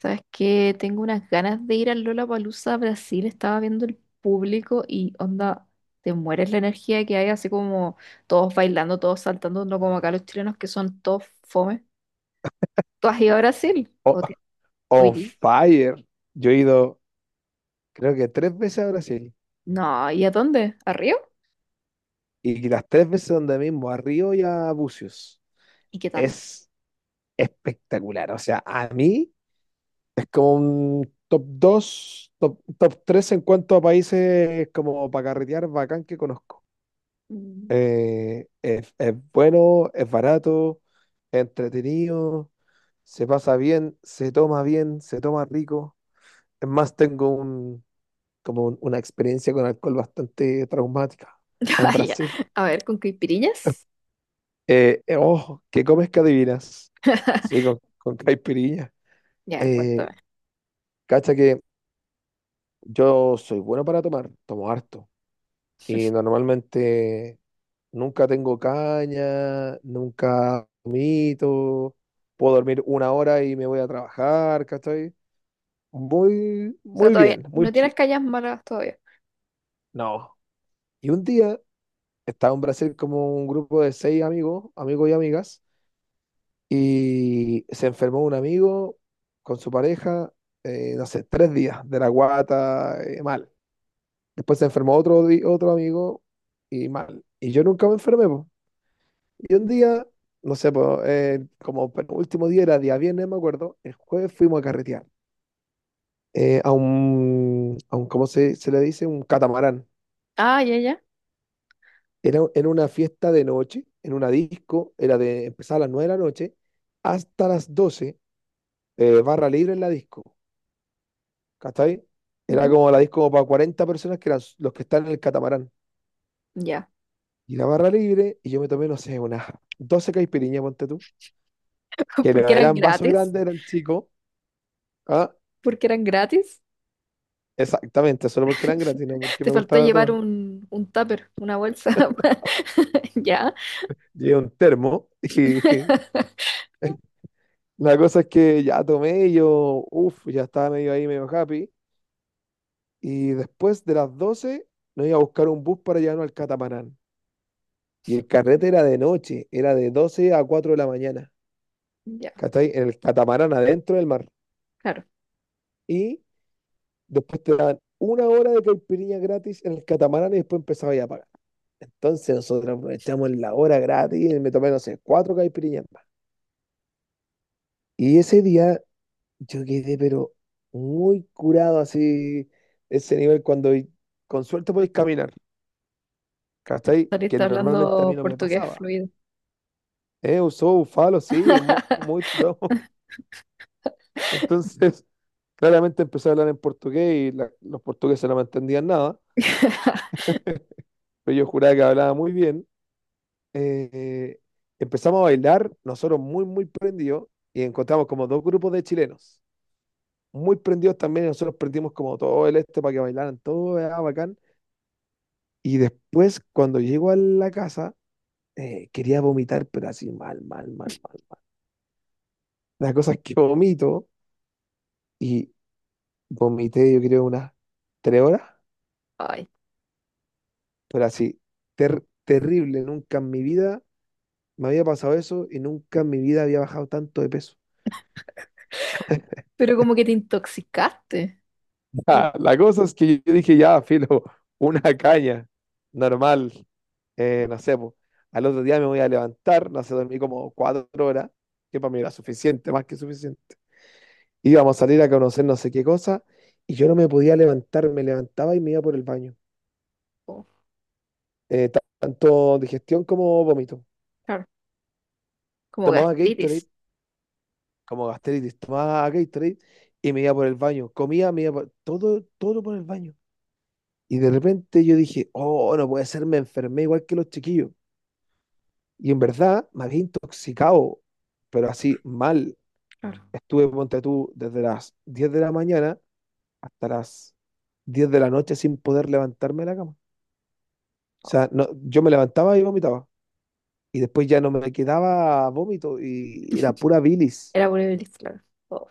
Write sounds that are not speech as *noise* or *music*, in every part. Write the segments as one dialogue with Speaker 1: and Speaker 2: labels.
Speaker 1: Sabes que tengo unas ganas de ir al Lollapalooza Brasil. Estaba viendo el público y onda, te mueres la energía que hay, así como todos bailando, todos saltando, no como acá los chilenos que son todos fome. ¿Tú has ido a Brasil?
Speaker 2: o-
Speaker 1: ¿O
Speaker 2: On
Speaker 1: irías?
Speaker 2: fire. Yo he ido, creo que tres veces a Brasil
Speaker 1: No, ¿y a dónde? ¿A Río?
Speaker 2: y las tres veces donde mismo, a Río y a Búzios.
Speaker 1: ¿Y qué tal?
Speaker 2: Es espectacular. O sea, a mí es como un top 2, top 3 en cuanto a países como para carretear bacán que conozco.
Speaker 1: Mm. *laughs*
Speaker 2: Es bueno, es barato, es entretenido, se pasa bien, se toma rico. Es más, tengo como una experiencia con alcohol bastante traumática en
Speaker 1: Ah, ya.
Speaker 2: Brasil.
Speaker 1: A ver, ¿con caipirinhas?
Speaker 2: Oh, ¿qué comes que adivinas? Sí, con caipirinha.
Speaker 1: Ya, a ver,
Speaker 2: Eh,
Speaker 1: cuéntame. O
Speaker 2: Cacha que yo soy bueno para tomar, tomo harto. Y normalmente nunca tengo caña, nunca vomito, puedo dormir una hora y me voy a trabajar, ¿cachai? Muy,
Speaker 1: sea,
Speaker 2: muy
Speaker 1: todavía
Speaker 2: bien, muy
Speaker 1: no
Speaker 2: chido.
Speaker 1: tienes calles malas todavía.
Speaker 2: No. Y un día estaba en Brasil como un grupo de seis amigos, amigos y amigas. Y se enfermó un amigo con su pareja, no sé, 3 días de la guata, mal. Después se enfermó otro amigo y mal. Y yo nunca me enfermé, po. Y un
Speaker 1: Ya.
Speaker 2: día, no sé, po, como penúltimo día era día viernes, me acuerdo, el jueves fuimos a carretear ¿cómo se le dice? Un catamarán.
Speaker 1: Ah, ya, ya.
Speaker 2: Era una fiesta de noche, en una disco, era de empezar a las 9 de la noche hasta las 12, barra libre en la disco. ¿Cachai? Era
Speaker 1: Ujú,
Speaker 2: como la disco como para 40 personas que eran los que están en el catamarán.
Speaker 1: ya.
Speaker 2: Y la barra libre, y yo me tomé, no sé, unas 12 caipiriñas, ponte tú.
Speaker 1: *laughs*
Speaker 2: Que no
Speaker 1: ¿Porque eran
Speaker 2: eran vasos
Speaker 1: gratis?
Speaker 2: grandes, eran chicos. Ah,
Speaker 1: ¿Porque eran gratis?
Speaker 2: exactamente, solo porque eran gratis, no
Speaker 1: *laughs*
Speaker 2: porque
Speaker 1: Te
Speaker 2: me
Speaker 1: faltó
Speaker 2: gustaba
Speaker 1: llevar
Speaker 2: tomar.
Speaker 1: un tupper, una bolsa. *laughs* Ya,
Speaker 2: Llevé un termo y *laughs* la cosa es que ya tomé y yo, uff, ya estaba medio ahí, medio happy. Y después de las 12 nos iba a buscar un bus para llevarnos al catamarán. Y el carrete era de noche, era de 12 a 4 de la mañana.
Speaker 1: ya,
Speaker 2: ¿Cachai? En el catamarán adentro del mar.
Speaker 1: claro.
Speaker 2: Y después te dan una hora de caipirinha gratis en el catamarán y después empezaba ya a pagar. Entonces nosotros aprovechamos la hora gratis y me tomé, no sé, cuatro caipirinhas más. Y ese día yo quedé, pero muy curado así, ese nivel cuando con suerte podéis caminar, ¿cachai? Que
Speaker 1: Saliste
Speaker 2: normalmente a mí
Speaker 1: hablando
Speaker 2: no me
Speaker 1: portugués
Speaker 2: pasaba.
Speaker 1: fluido.
Speaker 2: Usó bufalo, sí, muy, muy tripado. *laughs* Entonces, claramente empecé a hablar en portugués y los portugueses no me entendían nada. Pero yo juraba que hablaba muy bien. Eh, Empezamos a bailar, nosotros muy, muy prendidos, y encontramos como dos grupos de chilenos, muy prendidos también, y nosotros prendimos como todo el este para que bailaran, todo era bacán. Y después, cuando llego a la casa, quería vomitar, pero así mal, mal, mal, mal, mal. La cosa es que vomito, y vomité yo creo unas 3 horas,
Speaker 1: Ay,
Speaker 2: pero así, terrible, nunca en mi vida me había pasado eso, y nunca en mi vida había bajado tanto de peso.
Speaker 1: pero como que te intoxicaste. Como-
Speaker 2: Ah, la cosa es que yo dije, ya, filo, *laughs* una caña, normal, no sé, po. Al otro día me voy a levantar, no sé, dormí como 4 horas, que para mí era suficiente, más que suficiente. Íbamos a salir a conocer no sé qué cosa, y yo no me podía levantar, me levantaba y me iba por el baño.
Speaker 1: como-
Speaker 2: Tanto digestión como vómito.
Speaker 1: claro, como
Speaker 2: Tomaba
Speaker 1: gastritis.
Speaker 2: Gatorade, como gastritis, tomaba Gatorade y me iba por el baño. Comía, me iba todo, todo por el baño. Y de repente yo dije, oh, no puede ser, me enfermé igual que los chiquillos. Y en verdad me había intoxicado, pero así mal.
Speaker 1: Claro.
Speaker 2: Estuve, ponte tú, desde las 10 de la mañana hasta las 10 de la noche sin poder levantarme de la cama. O
Speaker 1: Oh,
Speaker 2: sea, no, yo me levantaba y vomitaba. Y después ya no me quedaba vómito y era pura bilis.
Speaker 1: era poliomelitis, claro. Oh,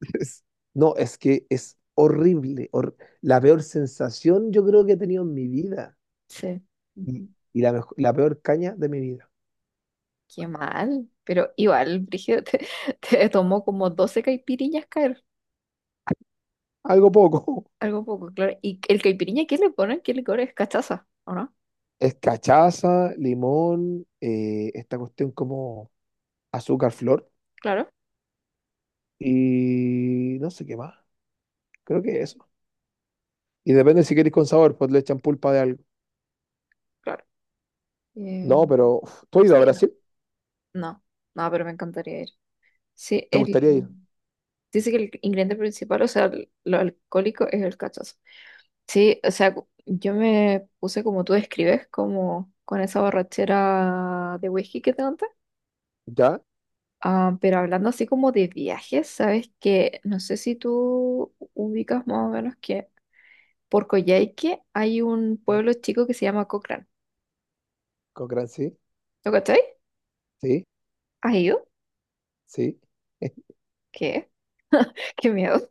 Speaker 2: *laughs* Es- No, es que es horrible. La peor sensación yo creo que he tenido en mi vida.
Speaker 1: sí.
Speaker 2: Y,
Speaker 1: Ujú.
Speaker 2: y la peor caña de mi vida.
Speaker 1: Qué mal. Pero igual, Brígido, *laughs* te tomó como 12 caipirinhas caer.
Speaker 2: Algo poco. *laughs*
Speaker 1: Algo poco, claro. ¿Y el caipirinha qué le ponen? ¿Qué licor es? ¿Cachaza? ¿O no?
Speaker 2: Es cachaza, limón, esta cuestión como azúcar, flor
Speaker 1: Claro,
Speaker 2: y no sé qué más. Creo que eso. Y depende si queréis con sabor, pues le echan pulpa de algo.
Speaker 1: claro.
Speaker 2: No,
Speaker 1: Eh,
Speaker 2: pero uf, ¿tú has ido a
Speaker 1: sí,
Speaker 2: Brasil?
Speaker 1: no, no, pero me encantaría ir. Sí,
Speaker 2: ¿Te gustaría ir?
Speaker 1: dice que el ingrediente principal, o sea, lo alcohólico es el cachazo. Sí, o sea, yo me puse como tú describes, como con esa borrachera de whisky que te conté.
Speaker 2: ¿Ya?
Speaker 1: Ah, pero hablando así como de viajes, sabes que no sé si tú ubicas más o menos que por Coyhaique hay un
Speaker 2: ¿Eh?
Speaker 1: pueblo chico que se llama Cochrane.
Speaker 2: ¿Con gran sí?
Speaker 1: ¿Lo cachai?
Speaker 2: Sí,
Speaker 1: ¿Has ido?
Speaker 2: sí. *laughs*
Speaker 1: ¿Qué? *laughs* Qué miedo.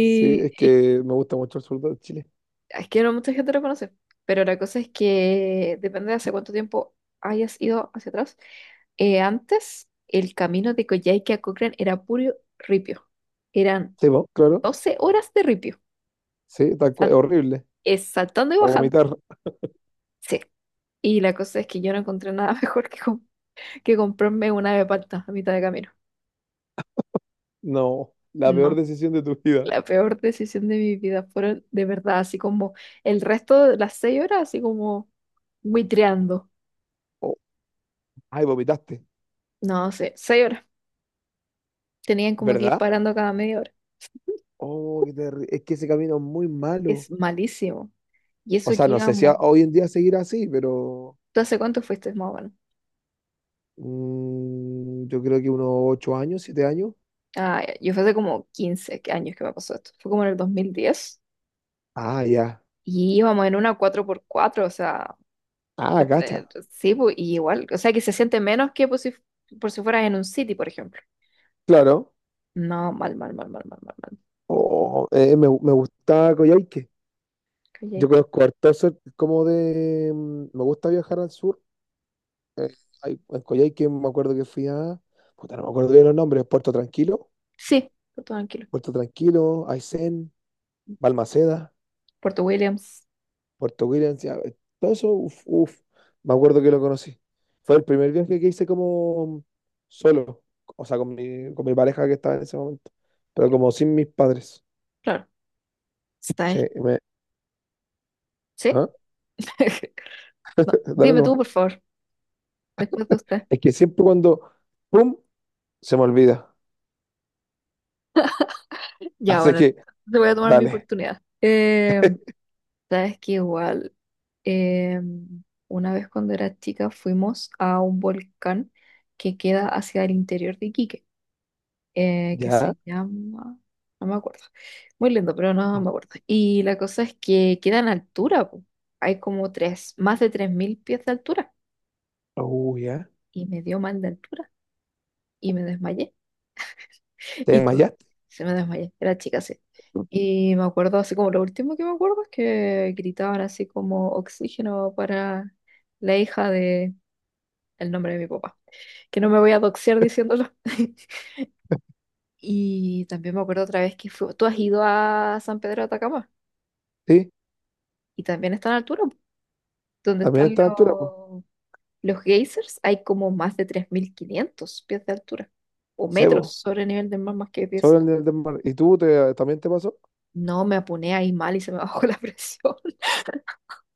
Speaker 2: Sí, es
Speaker 1: y
Speaker 2: que me gusta mucho el sur de Chile.
Speaker 1: es que no mucha gente lo conoce, pero la cosa es que depende de hace cuánto tiempo hayas ido hacia atrás. Antes, el camino de Coyhaique a Cochrane era puro ripio. Eran
Speaker 2: Sí, vos, claro.
Speaker 1: 12 horas de ripio,
Speaker 2: Sí, tal cual.
Speaker 1: sal-
Speaker 2: Horrible.
Speaker 1: saltando y
Speaker 2: A
Speaker 1: bajando.
Speaker 2: vomitar.
Speaker 1: Sí. Y la cosa es que yo no encontré nada *laughs* mejor que comprarme una de palta a mitad de camino.
Speaker 2: No, la peor
Speaker 1: No.
Speaker 2: decisión de tu vida.
Speaker 1: La peor decisión de mi vida fueron de verdad, así como el resto de las 6 horas, así como buitreando.
Speaker 2: Oh, ay, vomitaste.
Speaker 1: No sé, 6 horas. Tenían como que ir
Speaker 2: ¿Verdad?
Speaker 1: parando cada media hora.
Speaker 2: Oh, es que ese camino es muy malo.
Speaker 1: Es malísimo. Y
Speaker 2: O
Speaker 1: eso
Speaker 2: sea,
Speaker 1: que
Speaker 2: no sé si
Speaker 1: íbamos.
Speaker 2: hoy en día seguirá así, pero.
Speaker 1: ¿Tú hace cuánto fuiste más o menos?
Speaker 2: Mm, yo creo que unos 8 años, 7 años.
Speaker 1: Ah, ya, yo fue hace como 15 años que me pasó esto. Fue como en el 2010.
Speaker 2: Ah, ya.
Speaker 1: Y íbamos en una cuatro por cuatro, o sea,
Speaker 2: Ah, cacha.
Speaker 1: este, sí, pues, y igual. O sea, que se siente menos que por si fueras en un city, por ejemplo.
Speaker 2: Claro.
Speaker 1: No, mal, mal, mal, mal, mal, mal, mal.
Speaker 2: Oh, me gusta Coyhaique.
Speaker 1: Kayak.
Speaker 2: Yo conozco harto como de. Me gusta viajar al sur. Eh, en Coyhaique me acuerdo que fui a. Puta, no me acuerdo bien los nombres. Puerto Tranquilo.
Speaker 1: Sí, por todo tranquilo.
Speaker 2: Puerto Tranquilo, Aysén, Balmaceda,
Speaker 1: Puerto Williams,
Speaker 2: Puerto Williams. Ya, todo eso, uf, uf. Me acuerdo que lo conocí. Fue el primer viaje que hice como solo. O sea, con mi pareja que estaba en ese momento. Pero como sin mis padres.
Speaker 1: claro. ¿Está
Speaker 2: Sí,
Speaker 1: ahí? ¿Sí?
Speaker 2: ¿ah?
Speaker 1: *laughs* No,
Speaker 2: Dale
Speaker 1: dime tú,
Speaker 2: nomás.
Speaker 1: por favor, después de usted.
Speaker 2: Es que siempre cuando, ¡pum!, se me olvida.
Speaker 1: Ya,
Speaker 2: Así
Speaker 1: bueno,
Speaker 2: que,
Speaker 1: te voy a tomar mi
Speaker 2: dale,
Speaker 1: oportunidad. Sabes que igual, eh, una vez cuando era chica fuimos a un volcán que queda hacia el interior de Iquique, que
Speaker 2: ya.
Speaker 1: se llama, no me acuerdo, muy lindo, pero no me acuerdo. Y la cosa es que queda en altura, po. Hay como más de 3000 pies de altura,
Speaker 2: Ya.
Speaker 1: y me dio mal de altura y me desmayé. *laughs*
Speaker 2: ¿Te
Speaker 1: Y todo.
Speaker 2: desmayaste?
Speaker 1: Se me desmayé, era chica, sí.
Speaker 2: ¿No?
Speaker 1: Y me acuerdo, así como lo último que me acuerdo es que gritaban así como oxígeno para la hija de el nombre de mi papá. Que no me voy a doxear diciéndolo. *laughs* Y también me acuerdo otra vez que fue, tú has ido a San Pedro de Atacama
Speaker 2: Sí,
Speaker 1: y también está en altura, po, donde
Speaker 2: también a
Speaker 1: están
Speaker 2: esta altura, pues.
Speaker 1: los geysers, hay como más de 3500 pies de altura o metros
Speaker 2: Sebo,
Speaker 1: sobre el nivel del mar más que pies.
Speaker 2: sobre el nivel del mar. ¿Y tú también te pasó?
Speaker 1: No, me apuné ahí mal y se me bajó *laughs* la presión.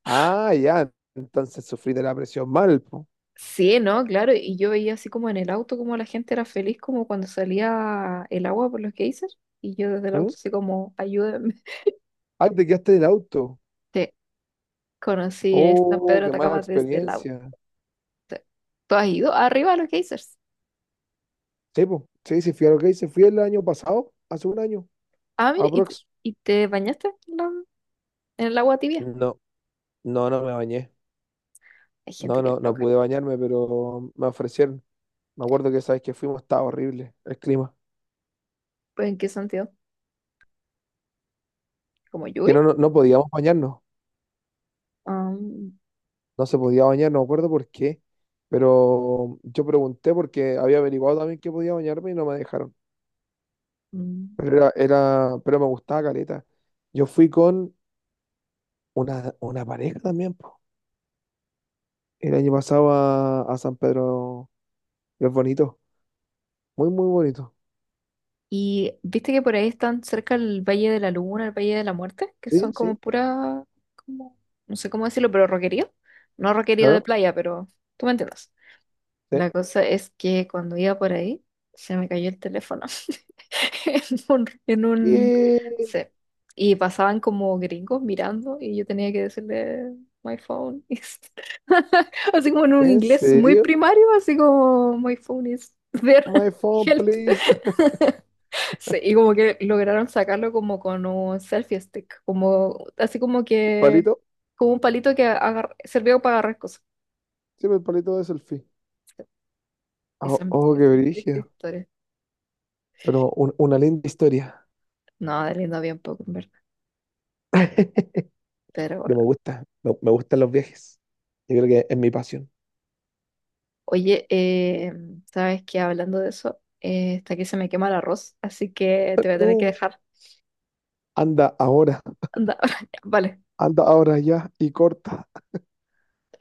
Speaker 2: Ah, ya. Entonces sufrí de la presión mal, pues.
Speaker 1: Sí, ¿no? Claro, y yo veía así como en el auto como la gente era feliz como cuando salía el agua por los geysers y yo desde el auto así como, ayúdenme. *laughs*
Speaker 2: Ah, te quedaste del auto.
Speaker 1: Sí, conocí el San Pedro
Speaker 2: Oh,
Speaker 1: de
Speaker 2: qué mala
Speaker 1: Atacama desde el auto.
Speaker 2: experiencia.
Speaker 1: ¿Tú has ido arriba a los geysers?
Speaker 2: Sí, pues. Sí, sí, fui a lo que hice. Fui el año pasado, hace un año,
Speaker 1: Ah, mire, ¿y te,
Speaker 2: aprox.
Speaker 1: y te bañaste en, en el agua tibia?
Speaker 2: No, no, no me bañé.
Speaker 1: Hay gente
Speaker 2: No,
Speaker 1: que es
Speaker 2: no, no
Speaker 1: loca.
Speaker 2: pude bañarme, pero me ofrecieron. Me acuerdo que sabes que fuimos, estaba horrible el clima.
Speaker 1: ¿Pues en qué sentido? ¿Como
Speaker 2: Que
Speaker 1: lluvia?
Speaker 2: no, no, no podíamos bañarnos.
Speaker 1: Ah,
Speaker 2: No se podía bañar, no me acuerdo por qué. Pero yo pregunté porque había averiguado también que podía bañarme y no me dejaron.
Speaker 1: mm,
Speaker 2: Pero me gustaba caleta. Yo fui con una pareja también, po. El año pasado a San Pedro es bonito. Muy, muy bonito.
Speaker 1: y viste que por ahí están cerca el Valle de la Luna, el Valle de la Muerte, que son
Speaker 2: Sí,
Speaker 1: como
Speaker 2: sí,
Speaker 1: pura, como, no sé cómo decirlo, pero roquerío. No roquerío de
Speaker 2: claro.
Speaker 1: playa, pero tú me entiendes.
Speaker 2: Sí.
Speaker 1: La cosa es que cuando iba por ahí, se me cayó el teléfono *laughs* en un,
Speaker 2: ¿Qué?
Speaker 1: sí. Y pasaban como gringos mirando y yo tenía que decirle, my phone is, *laughs* así como en un
Speaker 2: ¿En
Speaker 1: inglés muy
Speaker 2: serio?
Speaker 1: primario, así como, my phone is there,
Speaker 2: My
Speaker 1: *laughs*
Speaker 2: phone,
Speaker 1: help.
Speaker 2: please.
Speaker 1: Sí, y como que lograron sacarlo como con un selfie stick, como así como
Speaker 2: *laughs*
Speaker 1: que,
Speaker 2: Palito.
Speaker 1: como un palito servía para agarrar cosas.
Speaker 2: Sí, pero el palito de selfie.
Speaker 1: Y
Speaker 2: Oh,
Speaker 1: son,
Speaker 2: oh, qué
Speaker 1: son tristes
Speaker 2: brillo.
Speaker 1: historias.
Speaker 2: Pero una linda historia.
Speaker 1: No, de lindo había un poco, en verdad.
Speaker 2: *laughs*
Speaker 1: Pero
Speaker 2: Pero me
Speaker 1: bueno.
Speaker 2: gusta, me, me gustan los viajes. Yo creo que es mi pasión.
Speaker 1: Oye, ¿sabes qué? Hablando de eso, hasta aquí se me quema el arroz, así que te voy a tener que
Speaker 2: No,
Speaker 1: dejar.
Speaker 2: anda ahora,
Speaker 1: Anda, *laughs* vale.
Speaker 2: anda ahora ya y corta.